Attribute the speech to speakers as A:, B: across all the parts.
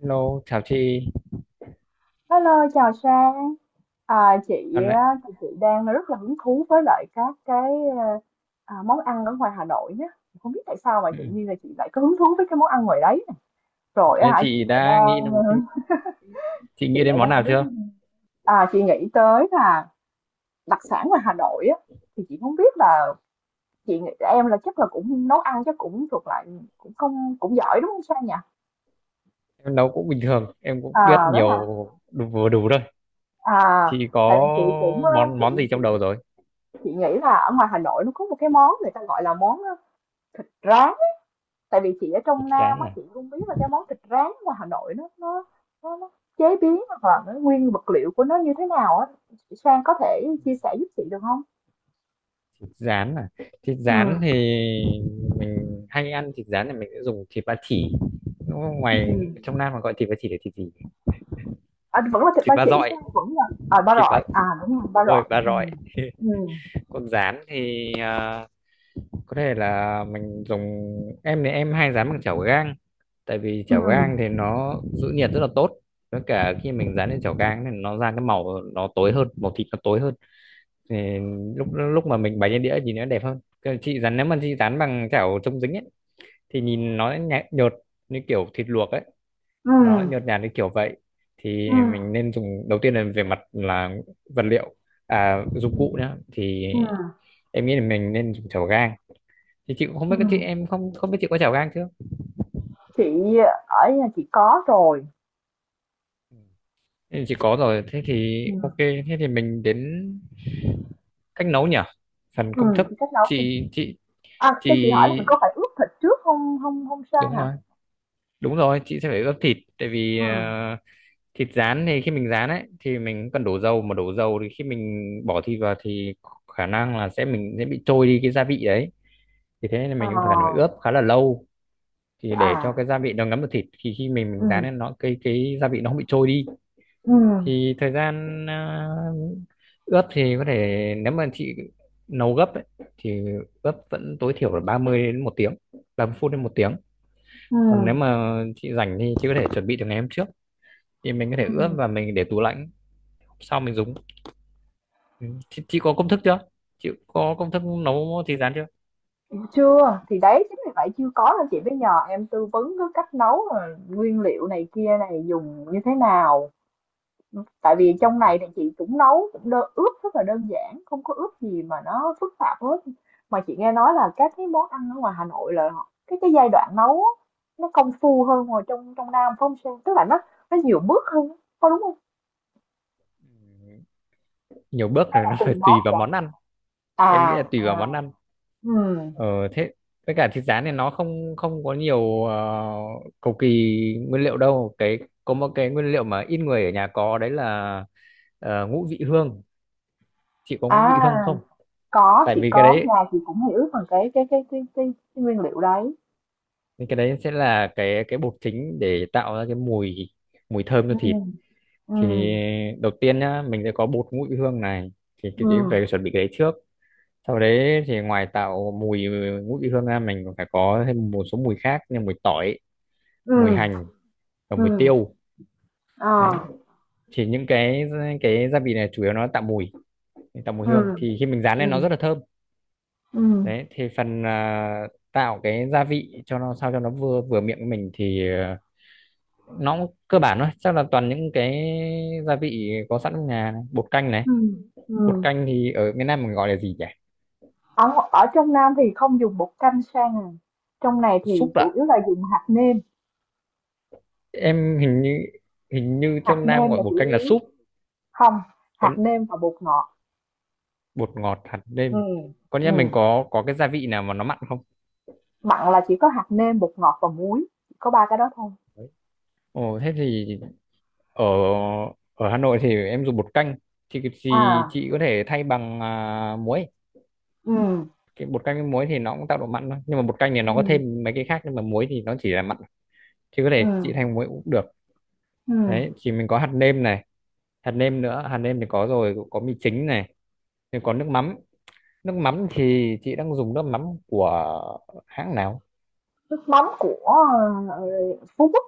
A: Hello, chào chị.
B: Hello, chào Sang. À, chị
A: Dạo này.
B: á, thì chị đang rất là hứng thú với lại các cái ờ, món ăn ở ngoài Hà Nội nhé. Không biết tại sao mà tự
A: Ừ.
B: nhiên là chị lại có hứng thú với cái món ăn ngoài đấy.
A: Ừ.
B: Rồi á
A: Thế
B: hả,
A: chị đã nghĩ chị
B: chị
A: nghĩ đến
B: lại
A: món nào
B: đang rất
A: chưa?
B: à, chị nghĩ tới là đặc sản ngoài Hà Nội á, thì chị không biết là chị nghĩ em là chắc là cũng nấu ăn, chắc cũng thuộc lại cũng không cũng giỏi, đúng không Sang nhỉ?
A: Em nấu cũng bình thường, em cũng biết
B: À đấy
A: nhiều
B: à.
A: đủ, vừa đủ thôi.
B: À,
A: Chị có
B: tại vì chị cũng ờ,
A: món món gì
B: chị chị
A: trong đầu rồi?
B: Chị nghĩ là ở ngoài Hà Nội nó có một cái món người ta gọi là món, rán. Tại vì chị ở trong
A: Thịt
B: Nam
A: rán
B: á,
A: à?
B: chị không biết là cái món thịt rán ngoài Hà Nội nó chế biến hoặc là cái nguyên vật liệu của nó như thế nào á. Chị Sang có thể chia sẻ giúp chị được không?
A: Thịt rán à? Thịt
B: Ừ,
A: rán thì mình hay ăn thịt rán thì mình sẽ dùng thịt ba chỉ. Đúng không? Ngoài
B: ừ.
A: trong Nam mà gọi thịt ba chỉ là thịt gì?
B: À, vẫn là thịt ba
A: Thịt ba
B: chỉ
A: rọi,
B: Sang, vẫn là, à, ba
A: thịt ba
B: rọi, à, đúng rồi, ba
A: đúng rồi,
B: rọi,
A: ba
B: Ừ.
A: rọi.
B: Ừ.
A: Còn rán thì có thể là mình dùng, em thì em hay rán bằng chảo gang, tại vì
B: Ừ.
A: chảo
B: Ừ.
A: gang thì nó giữ nhiệt rất là tốt, với cả khi mình dán lên chảo gang thì nó ra cái màu, nó tối hơn, màu thịt nó tối hơn, thì lúc lúc mà mình bày lên đĩa thì nó đẹp hơn. Còn chị dán, nếu mà chị dán bằng chảo chống dính ấy thì nhìn nó nhạt, nhợt như kiểu thịt luộc ấy, nó nhợt nhạt như kiểu vậy, thì
B: Ừm.
A: mình nên dùng, đầu tiên là về mặt là vật liệu, dụng
B: Ừm.
A: cụ nhá, thì
B: Ừm.
A: em nghĩ là mình nên dùng chảo gang. Thì chị cũng không biết, chị
B: Ừm.
A: em không không biết chị có chảo gang chưa.
B: Chị Ở nhà chị có rồi.
A: Ừ. Ừ, chị có rồi, thế thì
B: Ừ.
A: ok, thế thì mình đến cách nấu nhỉ, phần công
B: Ừm.
A: thức.
B: Chị cách nấu
A: chị chị
B: À,
A: chị
B: cho chị hỏi là mình có phải ướp thịt trước không không không Sang
A: đúng
B: hả?
A: rồi, đúng rồi, chị sẽ phải ướp thịt, tại vì
B: Ừ.
A: thịt rán thì khi mình rán ấy thì mình cần đổ dầu, mà đổ dầu thì khi mình bỏ thịt vào thì khả năng là sẽ mình sẽ bị trôi đi cái gia vị đấy, thì thế nên
B: Ờ.
A: mình cũng phải cần phải ướp khá là lâu, thì để cho
B: À.
A: cái gia vị nó ngấm vào thịt thì khi mình rán
B: Ừ.
A: lên nó, cái gia vị nó không bị trôi đi.
B: Ừ.
A: Thì thời gian ướp thì có thể, nếu mà chị nấu gấp ấy, thì ướp vẫn tối thiểu là 30 đến một tiếng, 30 phút đến một tiếng.
B: Ừ.
A: Còn nếu mà chị rảnh thì chị có thể chuẩn bị từ ngày hôm trước, thì mình có thể ướp và mình để tủ lạnh, sau mình dùng. Ừ. chị có công thức chưa, chị có công thức nấu thịt rán chưa?
B: Ừm, chưa, thì đấy, chính vì vậy chưa có nên chị mới nhờ em tư vấn cái cách nấu rồi nguyên liệu này kia này dùng như thế nào. Tại vì trong
A: Ừ.
B: này thì chị cũng nấu cũng đơn, ướp rất là đơn giản, không có ướp gì mà nó phức tạp hết. Mà chị nghe nói là các cái món ăn ở ngoài Hà Nội là họ cái giai đoạn nấu á, nó công phu hơn ngoài trong trong Nam, phải hông Sang? Tức là nó nhiều bước hơn, có đúng không?
A: Nhiều bước
B: Hay
A: rồi
B: là
A: nó
B: tùy
A: phải
B: món
A: tùy vào món
B: vậy?
A: ăn, em nghĩ là
B: À.
A: tùy
B: À.
A: vào món ăn.
B: Ừm.
A: Ờ thế với cả thịt rán này nó không không có nhiều cầu kỳ nguyên liệu đâu, cái có một cái nguyên liệu mà ít người ở nhà có đấy là ngũ vị hương. Chị có ngũ
B: À,
A: vị hương không?
B: có,
A: Tại
B: chị
A: vì cái
B: có,
A: đấy
B: nhà chị cũng hiểu về cái cái nguyên liệu đấy.
A: cái đấy sẽ là cái bột chính để tạo ra cái mùi, mùi thơm cho thịt.
B: Ừm.
A: Thì
B: Ừm.
A: đầu tiên nhá mình sẽ có bột ngũ vị hương này, thì chị sẽ
B: Ừm.
A: phải chuẩn bị cái đấy trước. Sau đấy thì ngoài tạo mùi ngũ vị hương ra mình còn phải có thêm một số mùi khác như mùi tỏi, mùi
B: Ừm.
A: hành và mùi
B: Ừm.
A: tiêu.
B: Ờ.
A: Đấy thì những cái gia vị này chủ yếu nó tạo mùi, tạo mùi hương,
B: Ừm.
A: thì khi mình rán lên nó
B: Ừm.
A: rất là thơm.
B: Ừm.
A: Đấy thì phần tạo cái gia vị cho nó sao cho nó vừa vừa miệng của mình thì nó cũng cơ bản thôi, chắc là toàn những cái gia vị có sẵn trong nhà này, bột canh này.
B: Ừm.
A: Bột
B: Ừm.
A: canh thì ở miền Nam mình gọi là gì nhỉ?
B: Ở, ở trong Nam thì không dùng bột canh Sang à. Trong này thì
A: Súp ạ,
B: chủ yếu là dùng
A: em hình như, hình như
B: hạt
A: trong Nam
B: nêm
A: gọi
B: là
A: bột
B: chủ
A: canh là
B: yếu.
A: súp,
B: Không,
A: còn
B: hạt nêm và bột ngọt.
A: bột ngọt, hạt nêm,
B: Ừm.
A: có nghĩa mình
B: Ừm.
A: có cái gia vị nào mà nó mặn không?
B: Mặn là chỉ có hạt nêm, bột ngọt và muối, chỉ có ba cái đó thôi.
A: Đấy. Ồ thế thì ở, ở Hà Nội thì em dùng bột canh thì
B: À.
A: chị có thể thay bằng muối.
B: Ừ.
A: Cái bột canh với muối thì nó cũng tạo độ mặn thôi, nhưng mà bột canh thì
B: Ừ.
A: nó có thêm mấy cái khác, nhưng mà muối thì nó chỉ là mặn, thì có
B: Ừ.
A: thể chị thay bằng muối cũng được.
B: Ừ.
A: Đấy thì mình có hạt nêm này, hạt nêm nữa, hạt nêm thì có rồi, có mì chính này, thì có nước mắm. Nước mắm thì chị đang dùng nước mắm của hãng nào?
B: Nước mắm của, ờ, Phú Quốc.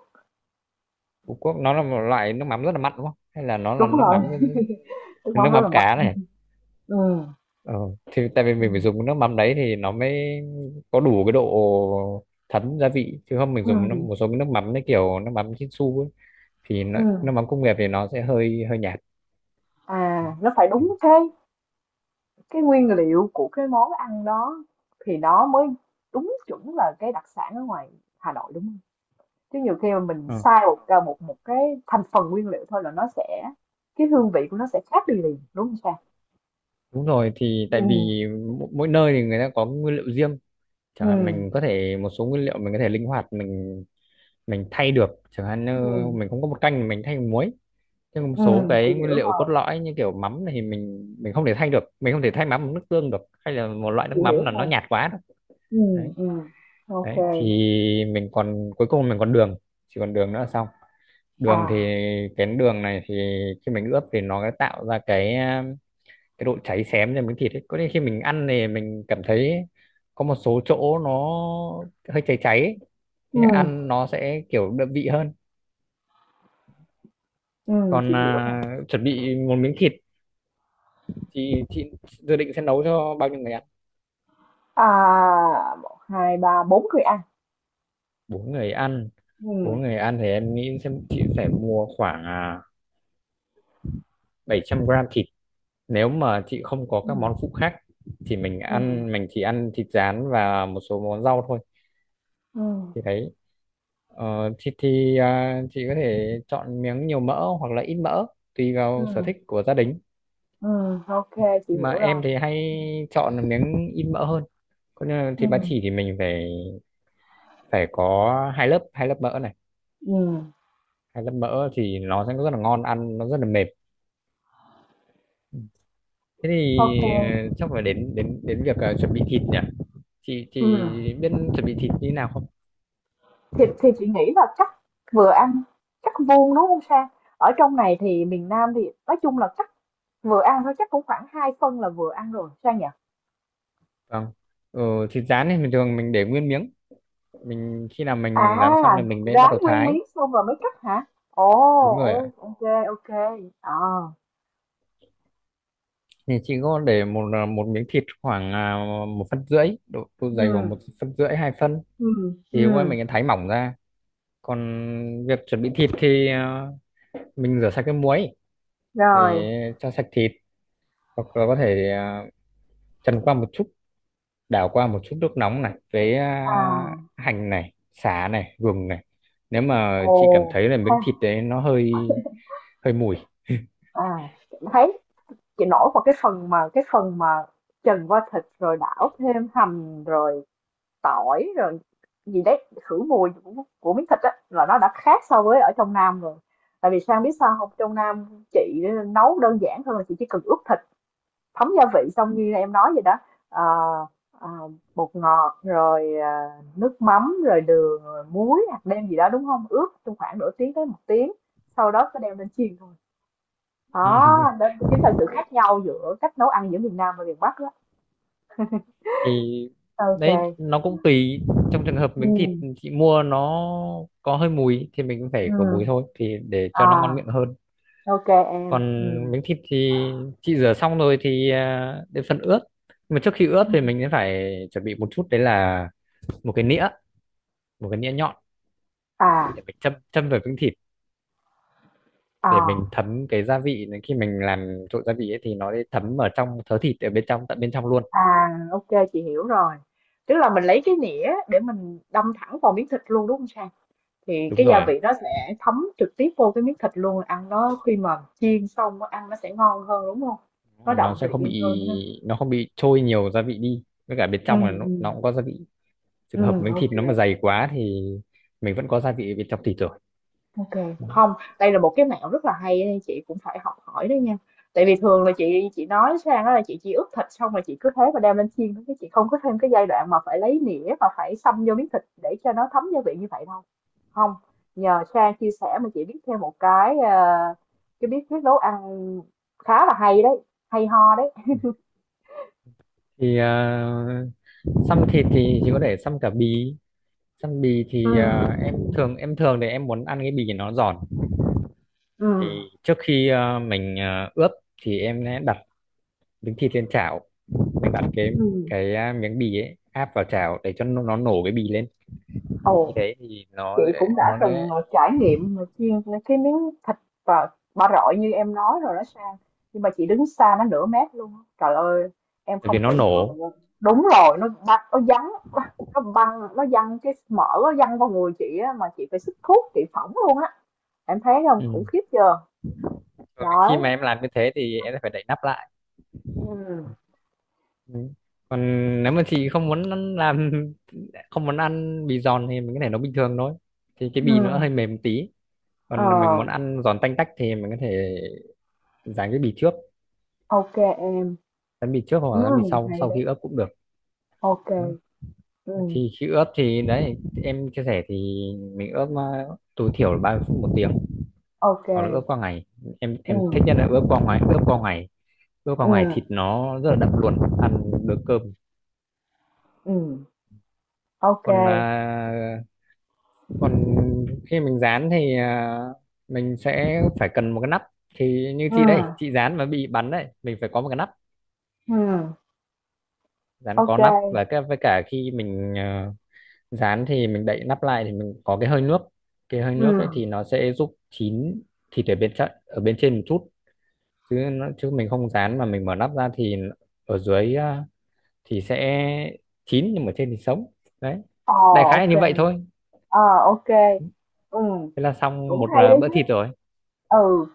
A: Phú Quốc nó là một loại nước mắm rất là mặn, đúng không, hay là nó là
B: Đúng
A: nước
B: rồi,
A: mắm,
B: nước mắm
A: nước
B: rất
A: mắm
B: là mắc.
A: cá này.
B: Ừ.
A: Ờ, thì tại vì mình phải dùng nước mắm đấy thì nó mới có đủ cái độ thấm gia vị, chứ không mình dùng nước,
B: Ừ.
A: một số cái nước mắm đấy kiểu nước mắm Chinsu ấy, thì nó,
B: Ừ.
A: nước mắm công nghiệp thì nó sẽ hơi hơi nhạt,
B: À, nó phải
A: thì,
B: đúng cái nguyên liệu của cái món ăn đó thì nó mới đúng chuẩn là cái đặc sản ở ngoài Hà Nội, đúng không? Chứ nhiều khi mà mình
A: ờ,
B: sai một cái một một cái thành phần nguyên liệu thôi là nó sẽ, cái hương vị của nó sẽ khác đi liền, đúng không Sang?
A: đúng rồi thì tại
B: Ừm.
A: vì mỗi, mỗi nơi thì người ta có nguyên liệu riêng, chẳng hạn mình
B: Ừ.
A: có thể một số nguyên liệu mình có thể linh hoạt, mình thay được, chẳng hạn như
B: Ừ.
A: mình không có bột canh thì mình thay bằng muối, nhưng một
B: Ừ.
A: số
B: Chị
A: cái nguyên
B: hiểu
A: liệu cốt
B: rồi,
A: lõi như kiểu mắm này thì mình không thể thay được, mình không thể thay mắm bằng nước tương được, hay là một loại nước
B: chị
A: mắm
B: hiểu
A: là nó
B: rồi.
A: nhạt quá đâu.
B: Ừm.
A: Đấy,
B: Ừm. Ô.
A: đấy thì mình còn, cuối cùng mình còn đường, chỉ còn đường nữa là xong. Đường thì
B: À.
A: cái đường này thì khi mình ướp thì nó tạo ra cái độ cháy xém cho miếng thịt ấy, có nên khi mình ăn thì mình cảm thấy có một số chỗ nó hơi cháy cháy ấy. Thế
B: Ừm.
A: ăn nó sẽ kiểu đậm vị hơn.
B: Ừm.
A: Còn
B: Chị hiểu rồi.
A: chuẩn bị một miếng thịt, chị dự định sẽ nấu cho bao nhiêu người ăn?
B: À, một hai ba bốn người ăn.
A: Bốn người ăn,
B: Ừm.
A: bốn người ăn thì em nghĩ xem chị phải mua khoảng 700g thịt, nếu mà chị không có các
B: Ừm.
A: món phụ khác thì mình
B: Ừm.
A: ăn, mình chỉ ăn thịt rán và một số món rau thôi,
B: Ừm.
A: thì thấy thịt thì chị có thể chọn miếng nhiều mỡ hoặc là ít mỡ, tùy vào sở
B: Ừm.
A: thích của gia đình,
B: Ừm. Ô, chị
A: mà
B: hiểu
A: em
B: rồi.
A: thì hay chọn miếng ít mỡ hơn, còn như là thịt ba
B: Ừm.
A: chỉ thì mình phải phải có hai lớp, hai lớp mỡ này,
B: Ừm.
A: hay lớp mỡ thì nó sẽ rất là ngon, ăn nó rất là mềm. Thế thì
B: Ô kê,
A: chắc phải đến, đến việc chuẩn bị thịt nhỉ, chị biết chuẩn bị thịt như thế nào không?
B: thì chị nghĩ là chắc vừa ăn, chắc vuông, đúng không Sang? Ở trong này thì miền Nam thì nói chung là chắc vừa ăn thôi, chắc cũng khoảng 2 phân là vừa ăn rồi, Sang nhỉ?
A: Vâng, thịt rán thì bình thường mình để nguyên miếng, mình khi nào mình rán xong
B: À,
A: thì mình mới bắt
B: rán
A: đầu
B: nguyên
A: thái.
B: miếng xong rồi mới cắt hả? Ồ.
A: Đúng rồi
B: Ô,
A: ạ.
B: ok, ok. Ờ.
A: Thì chị có để một một miếng thịt khoảng một phân rưỡi độ, độ
B: Ừ.
A: dày khoảng một phân rưỡi, hai phân,
B: Ừm.
A: thì qua
B: Ừm.
A: mình thái mỏng ra. Còn việc chuẩn bị thịt thì mình rửa sạch cái muối
B: Rồi.
A: để cho sạch thịt, hoặc là có thể trần qua một chút, đảo qua một chút nước nóng này với
B: À.
A: hành này, sả này, gừng này, nếu mà
B: Ồ,
A: chị cảm thấy là
B: ha.
A: miếng thịt đấy nó hơi, hơi mùi.
B: À, thấy chị nổi vào cái phần mà trần qua thịt rồi đảo thêm hành rồi tỏi rồi gì đấy khử mùi của miếng thịt á là nó đã khác so với ở trong Nam rồi. Tại vì Sang biết sao không? Trong Nam chị nấu đơn giản hơn là chị chỉ cần ướp thịt, thấm gia vị xong như em nói vậy đó, ờ, ờ, bột ngọt rồi, nước mắm, rồi đường, rồi muối, hạt nêm gì đó, đúng không? Ướp trong khoảng nửa tiếng tới một tiếng, sau đó sẽ đem lên chiên thôi. Đó, đó chính là sự khác nhau giữa cách nấu ăn giữa miền Nam và miền Bắc đó.
A: Thì đấy
B: OK.
A: nó cũng tùy, trong trường hợp miếng thịt
B: Ừm.
A: chị mua nó có hơi mùi thì mình cũng phải khử
B: Ừm.
A: mùi thôi, thì để cho
B: À.
A: nó ngon miệng hơn.
B: OK em.
A: Còn
B: Ừm.
A: miếng thịt thì chị rửa xong rồi thì đến phần ướp, nhưng mà trước khi ướp thì mình sẽ phải chuẩn bị một chút, đấy là một cái nĩa, một cái nĩa nhọn
B: À.
A: để phải châm châm vào miếng thịt, để mình
B: À.
A: thấm cái gia vị này. Khi mình làm trộn gia vị ấy thì nó sẽ thấm ở trong thớ thịt ở bên trong, tận bên trong luôn.
B: À. OK, chị hiểu rồi. Tức là mình lấy cái nĩa để mình đâm thẳng vào miếng thịt luôn, đúng không Sang? Thì
A: Đúng
B: cái gia
A: rồi,
B: vị nó sẽ thấm trực tiếp vô cái miếng thịt luôn, ăn nó khi mà chiên xong nó ăn nó sẽ ngon hơn, đúng không?
A: đúng
B: Nó
A: là
B: đậm
A: nó sẽ không
B: vị hơn ha.
A: bị, nó không bị trôi nhiều gia vị đi, với cả bên
B: Ừ.
A: trong là
B: Ừ.
A: nó cũng có gia vị,
B: Ừ.
A: trường hợp miếng
B: OK.
A: thịt nó mà dày quá thì mình vẫn có gia vị ở bên trong thịt rồi.
B: Ok, không, đây là một cái mẹo rất là hay á, chị cũng phải học hỏi đó nha. Tại vì thường là chị nói Sang đó là chị chỉ ướp thịt xong rồi chị cứ thế mà đem lên chiên thôi, chứ chị không có thêm cái giai đoạn mà phải lấy nĩa mà phải xông vô miếng thịt để cho nó thấm gia vị như vậy đâu. Không, nhờ Sang chia sẻ mà chị biết thêm một cái, cái bí quyết nấu ăn khá là hay đấy, hay ho đấy.
A: Thì xăm thịt thì chỉ có thể xăm cả bì, xăm bì
B: Ừ.
A: thì em
B: Ừ.
A: thường em thường thì em muốn ăn cái bì nó giòn,
B: Ừ.
A: thì trước khi mình ướp thì em sẽ đặt miếng thịt lên chảo, mình bạn cái
B: Ừ.
A: cái miếng bì ấy áp vào chảo để cho nó nổ cái bì lên, thì như
B: Ồ.
A: thế thì
B: Chị cũng đã từng, trải nghiệm mà chiên cái miếng thịt và ba rọi như em nói rồi đó Sang, nhưng mà chị đứng xa nó nửa mét luôn á. Trời ơi, em
A: bởi
B: không
A: vì nó
B: tưởng tượng được
A: nổ.
B: luôn. Đúng rồi, nó băng nó vắn, nó băng nó văng cái mỡ, nó văng vào người chị á mà chị phải sức thuốc, chị phỏng luôn á. Em thấy không, khủng
A: Ừ.
B: khiếp chưa?
A: Rồi khi
B: Đấy.
A: mà em làm như thế thì em sẽ phải đậy nắp lại.
B: Ừ.
A: Ừ. Còn nếu mà chị không muốn ăn- làm không muốn ăn bì giòn thì mình có thể nấu bình thường thôi, thì cái
B: Ừ.
A: bì nó hơi mềm một tí.
B: Ờ.
A: Còn mình muốn ăn giòn tanh tách thì mình có thể dán cái bì trước,
B: OK em.
A: dán bì trước hoặc là dán bì
B: Ừ.
A: sau
B: Hay
A: sau
B: đấy.
A: khi ướp cũng được.
B: OK.
A: Ừ.
B: Ừ.
A: Thì khi ướp thì đấy em chia sẻ thì mình ướp tối thiểu là 30 phút, một tiếng,
B: OK.
A: hoặc là ướp qua ngày. em
B: Ừ.
A: em thích nhất là ướp qua ngày, ướp qua ngày, ướp qua
B: Ừ.
A: ngày thịt nó rất là đậm luôn, ăn được cơm.
B: Ừ. OK.
A: Còn còn khi mình rán thì mình sẽ phải cần một cái nắp, thì như
B: Ừ.
A: chị đây chị rán mà bị bắn đấy, mình phải có một cái nắp.
B: Ừ,
A: Rán có
B: OK.
A: nắp, và cái với cả khi mình rán thì mình đậy nắp lại thì mình có cái hơi nước, cái hơi
B: Ừ.
A: nước đấy thì nó sẽ giúp chín thịt ở bên trên, ở bên trên một chút, chứ nó, chứ mình không rán mà mình mở nắp ra thì ở dưới thì sẽ chín nhưng mà trên thì sống. Đấy,
B: Ờ,
A: đại khái là
B: OK.
A: như vậy thôi.
B: Ờ, OK. Ừ.
A: Thế là xong
B: Cũng
A: một
B: hay đấy
A: bữa
B: chứ.
A: thịt rồi.
B: Ừ,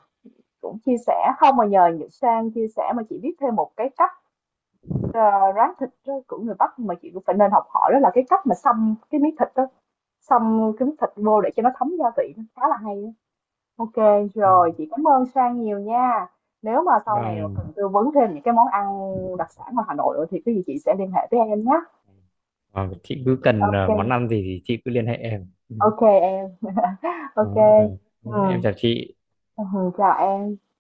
B: cũng chia sẻ. Không mà nhờ Nhật Sang chia sẻ mà chị biết thêm một cái cách, ờ, rán thịt á, của người Bắc mà chị cũng phải nên học hỏi, đó là cái cách mà xông cái miếng thịt đó, xông cái miếng thịt vô để cho nó thấm gia vị, nó khá là hay á. OK,
A: Ừ.
B: rồi chị cảm ơn Sang nhiều nha. Nếu mà sau này mà
A: Vâng.
B: cần tư vấn thêm những cái món ăn đặc sản ngoài Hà Nội nữa thì cái gì chị sẽ liên hệ với em nhé.
A: Ờ, chị cứ cần món
B: OK.
A: ăn gì thì chị cứ liên hệ em. Ừ.
B: OK em. OK.
A: Đó, ok. Em
B: Ừm.
A: chào chị.
B: Ừm, chào em.